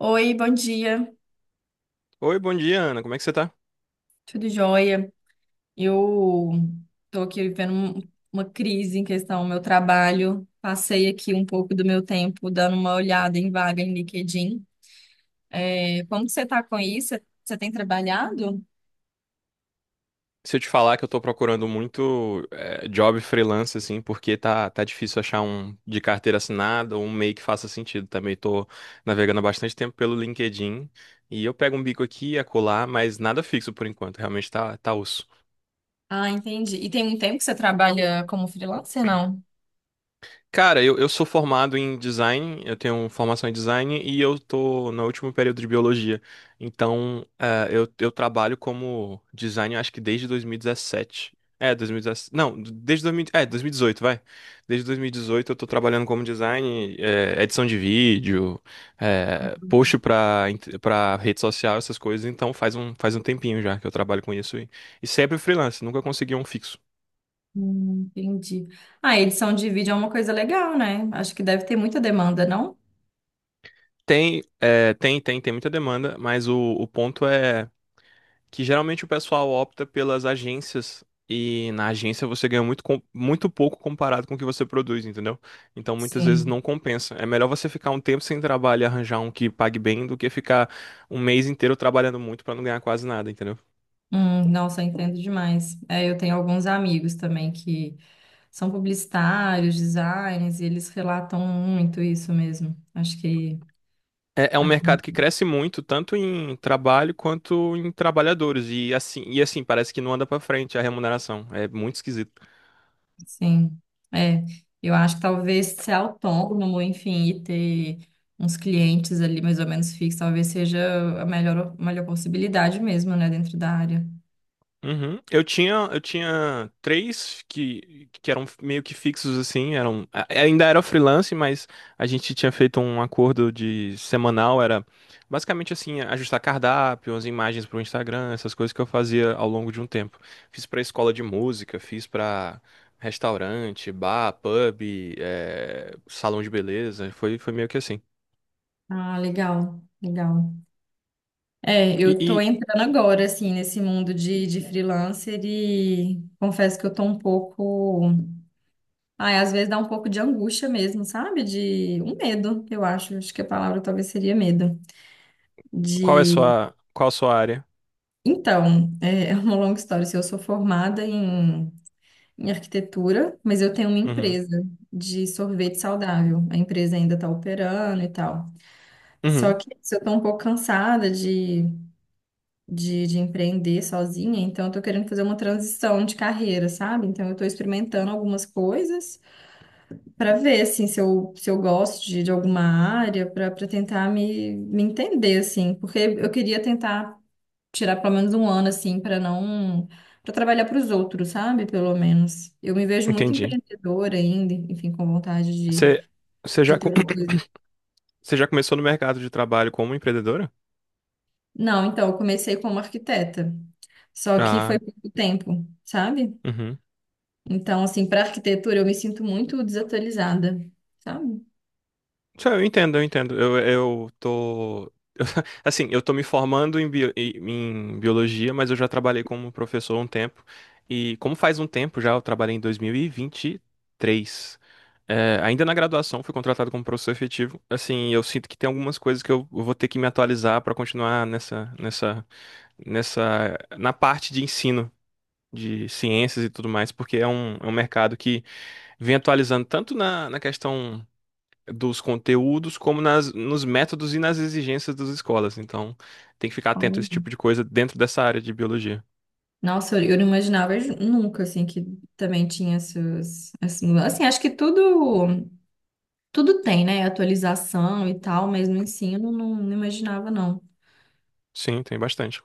Oi, bom dia, Oi, bom dia, Ana. Como é que você tá? tudo jóia? Eu tô aqui vivendo uma crise em questão ao meu trabalho. Passei aqui um pouco do meu tempo dando uma olhada em vaga em LinkedIn. É, como que você tá com isso? Você tem trabalhado? Se eu te falar que eu tô procurando muito job freelance, assim, porque tá difícil achar um de carteira assinada ou um meio que faça sentido. Também tô navegando há bastante tempo pelo LinkedIn e eu pego um bico aqui e acolá, mas nada fixo por enquanto. Realmente tá osso. Ah, entendi. E tem um tempo que você trabalha como freelancer, não? Cara, eu sou formado em design, eu tenho formação em design e eu tô no último período de biologia. Então, eu trabalho como design, acho que desde 2017. É, 2017. Não, desde 2000, é, 2018, vai. Desde 2018 eu tô trabalhando como design, edição de vídeo, post pra, pra rede social, essas coisas. Então, faz um tempinho já que eu trabalho com isso. E sempre freelance, nunca consegui um fixo. Entendi. Ah, edição de vídeo é uma coisa legal, né? Acho que deve ter muita demanda, não? Tem, é, tem, tem, tem muita demanda, mas o ponto é que geralmente o pessoal opta pelas agências e na agência você ganha muito, muito pouco comparado com o que você produz, entendeu? Então muitas vezes não Sim. compensa. É melhor você ficar um tempo sem trabalho e arranjar um que pague bem do que ficar um mês inteiro trabalhando muito para não ganhar quase nada, entendeu? Nossa, eu entendo demais. É, eu tenho alguns amigos também que são publicitários, designers, e eles relatam muito isso mesmo. Acho que É um acaba- mercado que cresce muito, tanto em trabalho quanto em trabalhadores, e assim parece que não anda para frente a remuneração. É muito esquisito. sim. É, eu acho que talvez ser autônomo, enfim, e ter uns clientes ali mais ou menos fixos, talvez seja a melhor possibilidade mesmo, né, dentro da área. Uhum. Eu tinha três que eram meio que fixos assim, eram ainda era freelance, mas a gente tinha feito um acordo de semanal, era basicamente assim, ajustar cardápio, as imagens para o Instagram, essas coisas que eu fazia ao longo de um tempo. Fiz para escola de música, fiz para restaurante, bar, pub, salão de beleza, foi meio que assim. Ah, legal, legal. É, E, eu tô e entrando agora, assim, nesse mundo de freelancer e confesso que eu tô um pouco. Ai, às vezes dá um pouco de angústia mesmo, sabe? De um medo, eu acho. Acho que a palavra talvez seria medo. De. Qual a sua área? Então, é é uma longa história. Assim, eu sou formada em, em arquitetura, mas eu tenho uma Uhum. empresa de sorvete saudável. A empresa ainda está operando e tal. Só Uhum. que se eu estou um pouco cansada de empreender sozinha, então eu estou querendo fazer uma transição de carreira, sabe? Então eu estou experimentando algumas coisas para ver assim se eu gosto de alguma área, para tentar me entender assim, porque eu queria tentar tirar pelo menos um ano assim para não, para trabalhar para os outros, sabe? Pelo menos. Eu me vejo muito Entendi. empreendedora ainda, enfim, com vontade Você Você de já, ter uma coisa. Você já começou no mercado de trabalho como empreendedora? Não, então, eu comecei como arquiteta, só que foi Ah, pouco tempo, sabe? uhum. Então, assim, para arquitetura eu me sinto muito desatualizada, sabe? Isso, eu entendo, eu entendo. Eu tô. Assim, eu tô me formando em biologia, mas eu já trabalhei como professor há um tempo. E como faz um tempo já, eu trabalhei em 2023. É, ainda na graduação, fui contratado como professor efetivo. Assim, eu sinto que tem algumas coisas que eu vou ter que me atualizar para continuar na parte de ensino de ciências e tudo mais, porque é um mercado que vem atualizando tanto na questão dos conteúdos como nas, nos métodos e nas exigências das escolas. Então, tem que ficar atento a esse tipo de coisa dentro dessa área de biologia. Nossa, eu não imaginava nunca, assim, que também tinha essas mudanças. Assim, acho que tudo tem, né? Atualização e tal, mas no ensino não, não imaginava, não. Sim, tem bastante.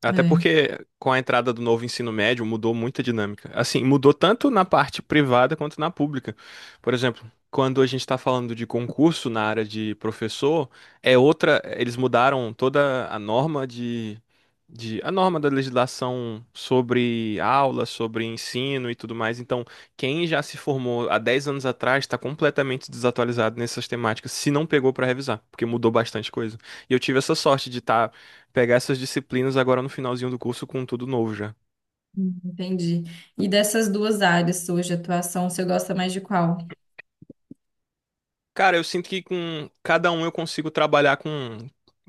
Até É, porque com a entrada do novo ensino médio mudou muita dinâmica. Assim, mudou tanto na parte privada quanto na pública. Por exemplo, quando a gente está falando de concurso na área de professor, é outra. Eles mudaram toda a norma da legislação sobre aula, sobre ensino e tudo mais. Então, quem já se formou há 10 anos atrás está completamente desatualizado nessas temáticas, se não pegou para revisar, porque mudou bastante coisa. E eu tive essa sorte de estar pegar essas disciplinas agora no finalzinho do curso com tudo novo já. entendi. E dessas duas áreas suas de atuação, você gosta mais de qual? Cara, eu sinto que com cada um eu consigo trabalhar com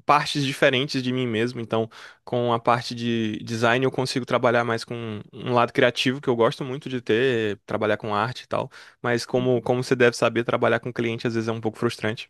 partes diferentes de mim mesmo. Então, com a parte de design eu consigo trabalhar mais com um lado criativo que eu gosto muito de ter, trabalhar com arte e tal. Mas como você deve saber, trabalhar com cliente às vezes é um pouco frustrante.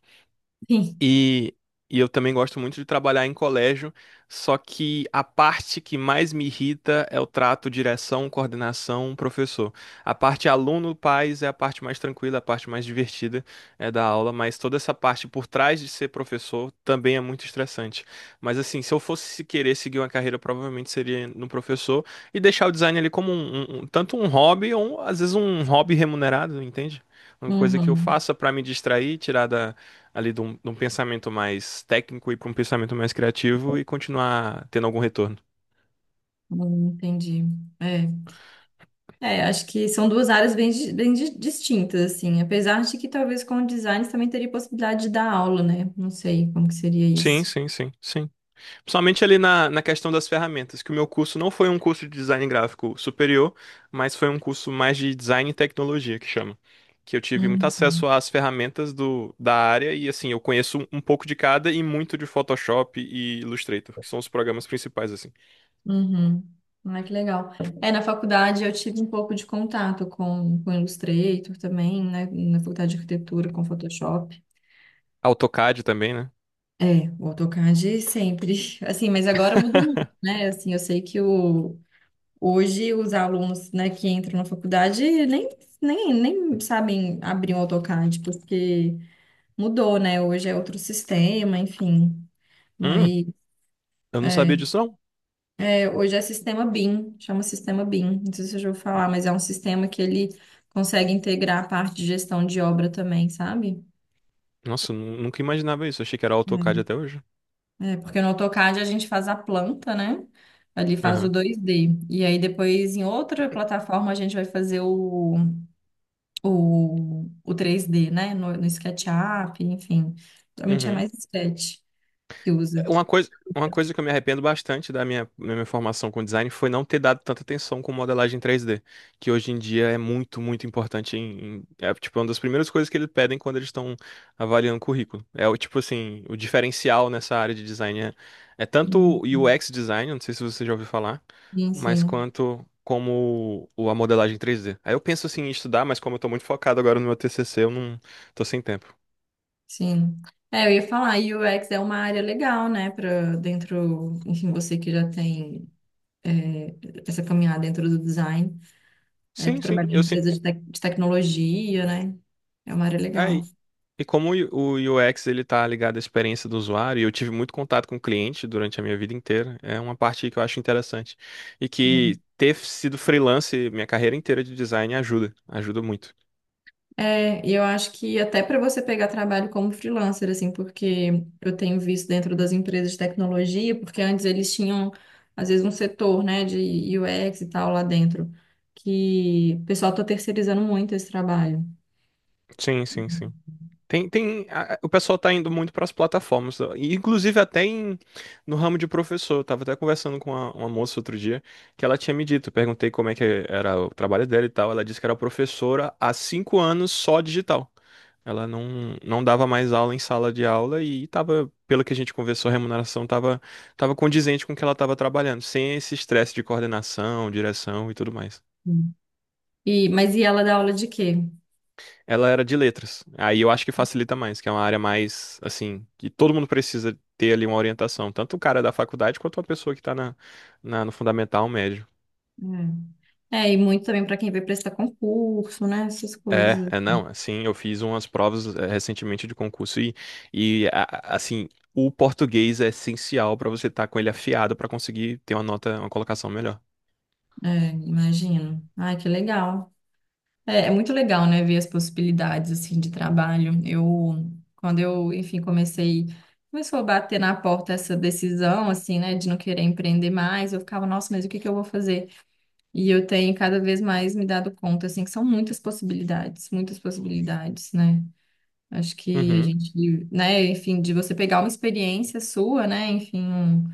Sim. E, e eu também gosto muito de trabalhar em colégio, só que a parte que mais me irrita é o trato direção, coordenação, professor. A parte aluno, pais é a parte mais tranquila, a parte mais divertida é da aula, mas toda essa parte por trás de ser professor também é muito estressante. Mas assim, se eu fosse querer seguir uma carreira, provavelmente seria no professor e deixar o design ali como tanto um hobby ou às vezes um hobby remunerado, entende? Uma coisa que eu Uhum. faça para me distrair, tirar da ali de um pensamento mais técnico e para um pensamento mais criativo e continuar tendo algum retorno. Entendi. É. É, acho que são duas áreas bem, bem distintas, assim. Apesar de que talvez com o design você também teria possibilidade de dar aula, né? Não sei como que seria Sim, isso. sim, sim, sim. Principalmente ali na questão das ferramentas, que o meu curso não foi um curso de design gráfico superior, mas foi um curso mais de design e tecnologia, que chama. Que eu tive muito Hum. acesso às ferramentas da área e, assim, eu conheço um pouco de cada e muito de Photoshop e Illustrator, que são os programas principais, assim. Uhum. Ah, que legal. É, na faculdade eu tive um pouco de contato com Illustrator também, né? Na faculdade de arquitetura, com Photoshop. AutoCAD também, né? É, o AutoCAD sempre. Assim, mas agora mudou muito, né? Assim, eu sei que o, hoje os alunos, né, que entram na faculdade nem, nem, nem sabem abrir um AutoCAD, porque mudou, né? Hoje é outro sistema, enfim, Hum, mas eu não sabia disso, não. hoje é sistema BIM, chama sistema BIM. Não sei se eu já vou falar, mas é um sistema que ele consegue integrar a parte de gestão de obra também, sabe? Nossa, eu nunca imaginava isso. Achei que era AutoCAD É, até hoje. É, porque no AutoCAD a gente faz a planta, né? Ali faz o Aham. 2D. E aí depois em outra plataforma a gente vai fazer o 3D, né? No SketchUp, enfim. Geralmente é Uhum. mais Sketch que usa. Uma coisa que eu me arrependo bastante da minha formação com design foi não ter dado tanta atenção com modelagem 3D que hoje em dia é muito, muito importante em, é, tipo, é uma das primeiras coisas que eles pedem quando eles estão avaliando currículo. É o tipo assim, o diferencial nessa área de design é tanto o Uhum. UX design, não sei se você já ouviu falar, mas Enfim. quanto como a modelagem três d. Aí eu penso assim em estudar, mas como eu tô muito focado agora no meu TCC, eu não tô sem tempo. Sim. É, eu ia falar, UX é uma área legal, né, para dentro, enfim, você que já tem essa caminhada dentro do design, é, para Sim, sim, trabalhar em eu sim. empresa de, de tecnologia, né? É uma área legal. E como o UX ele está ligado à experiência do usuário, e eu tive muito contato com o cliente durante a minha vida inteira, é uma parte que eu acho interessante. E que Sim. ter sido freelance minha carreira inteira de design ajuda, ajuda muito. É, e eu acho que até para você pegar trabalho como freelancer, assim, porque eu tenho visto dentro das empresas de tecnologia, porque antes eles tinham, às vezes, um setor, né, de UX e tal lá dentro, que o pessoal está terceirizando muito esse trabalho. Sim, sim, sim. O pessoal tá indo muito para as plataformas, e inclusive até no ramo de professor. Eu tava até conversando com uma moça outro dia que ela tinha me dito. Eu perguntei como é que era o trabalho dela e tal. Ela disse que era professora há 5 anos só digital. Ela não dava mais aula em sala de aula e tava, pelo que a gente conversou, a remuneração tava condizente com o que ela tava trabalhando, sem esse estresse de coordenação, direção e tudo mais. Sim. E, mas e ela dá aula de quê? Ela era de letras. Aí eu acho que facilita mais, que é uma área mais, assim, que todo mundo precisa ter ali uma orientação, tanto o cara da faculdade quanto a pessoa que tá no fundamental médio. É, é, e muito também para quem vai prestar concurso, né? Essas É, coisas. é não, assim, eu fiz umas provas recentemente de concurso assim, o português é essencial para você estar com ele afiado para conseguir ter uma nota, uma colocação melhor. É, imagino. Ai, que legal. É, é muito legal, né? Ver as possibilidades, assim, de trabalho. Eu, quando eu, enfim, comecei, começou a bater na porta essa decisão, assim, né? De não querer empreender mais. Eu ficava, nossa, mas o que que eu vou fazer? E eu tenho cada vez mais me dado conta, assim, que são muitas possibilidades, né? Acho que a Uhum, gente, né? Enfim, de você pegar uma experiência sua, né? Enfim, um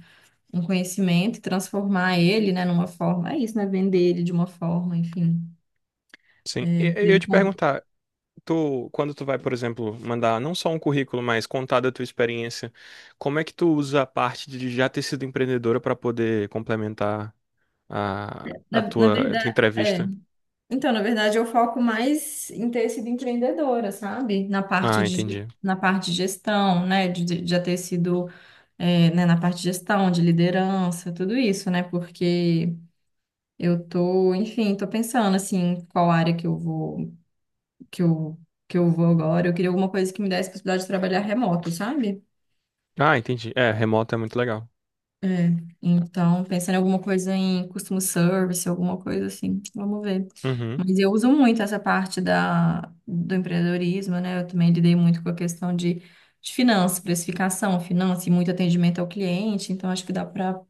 um conhecimento e transformar ele, né, numa forma, é isso, né, vender ele de uma forma, enfim, sim. É, Eu ia veja te como- perguntar, tu, quando tu vai, por exemplo, mandar não só um currículo, mas contar da tua experiência, como é que tu usa a parte de já ter sido empreendedora para poder complementar a, a na tua, a tua verdade, é, entrevista? então, na verdade, eu foco mais em ter sido empreendedora, sabe, Ah, entendi. na parte de gestão, né, de já ter sido, é, né, na parte de gestão, de liderança, tudo isso, né, porque eu tô, enfim, tô pensando, assim, qual área que eu vou, que eu, que eu vou agora, eu queria alguma coisa que me desse possibilidade de trabalhar remoto, sabe? Ah, entendi. É, remoto é muito legal. É, então, pensando em alguma coisa em customer service, alguma coisa assim, vamos ver. Uhum. Mas eu uso muito essa parte da, do empreendedorismo, né? Eu também lidei muito com a questão de finanças, precificação, finanças e muito atendimento ao cliente, então acho que dá para.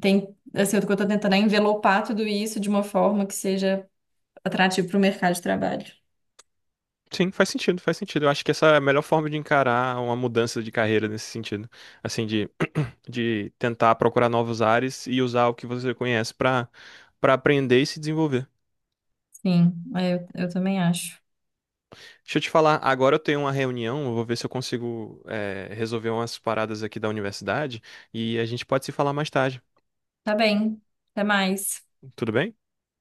Tem, assim, o que eu estou tentando é envelopar tudo isso de uma forma que seja atrativo para o mercado de trabalho. Sim, faz sentido, faz sentido. Eu acho que essa é a melhor forma de encarar uma mudança de carreira nesse sentido. Assim, de tentar procurar novos ares e usar o que você conhece para aprender e se desenvolver. Sim, é, eu também acho. Deixa eu te falar, agora eu tenho uma reunião, eu vou ver se eu consigo, resolver umas paradas aqui da universidade e a gente pode se falar mais tarde, Tá bem, até mais. tudo bem?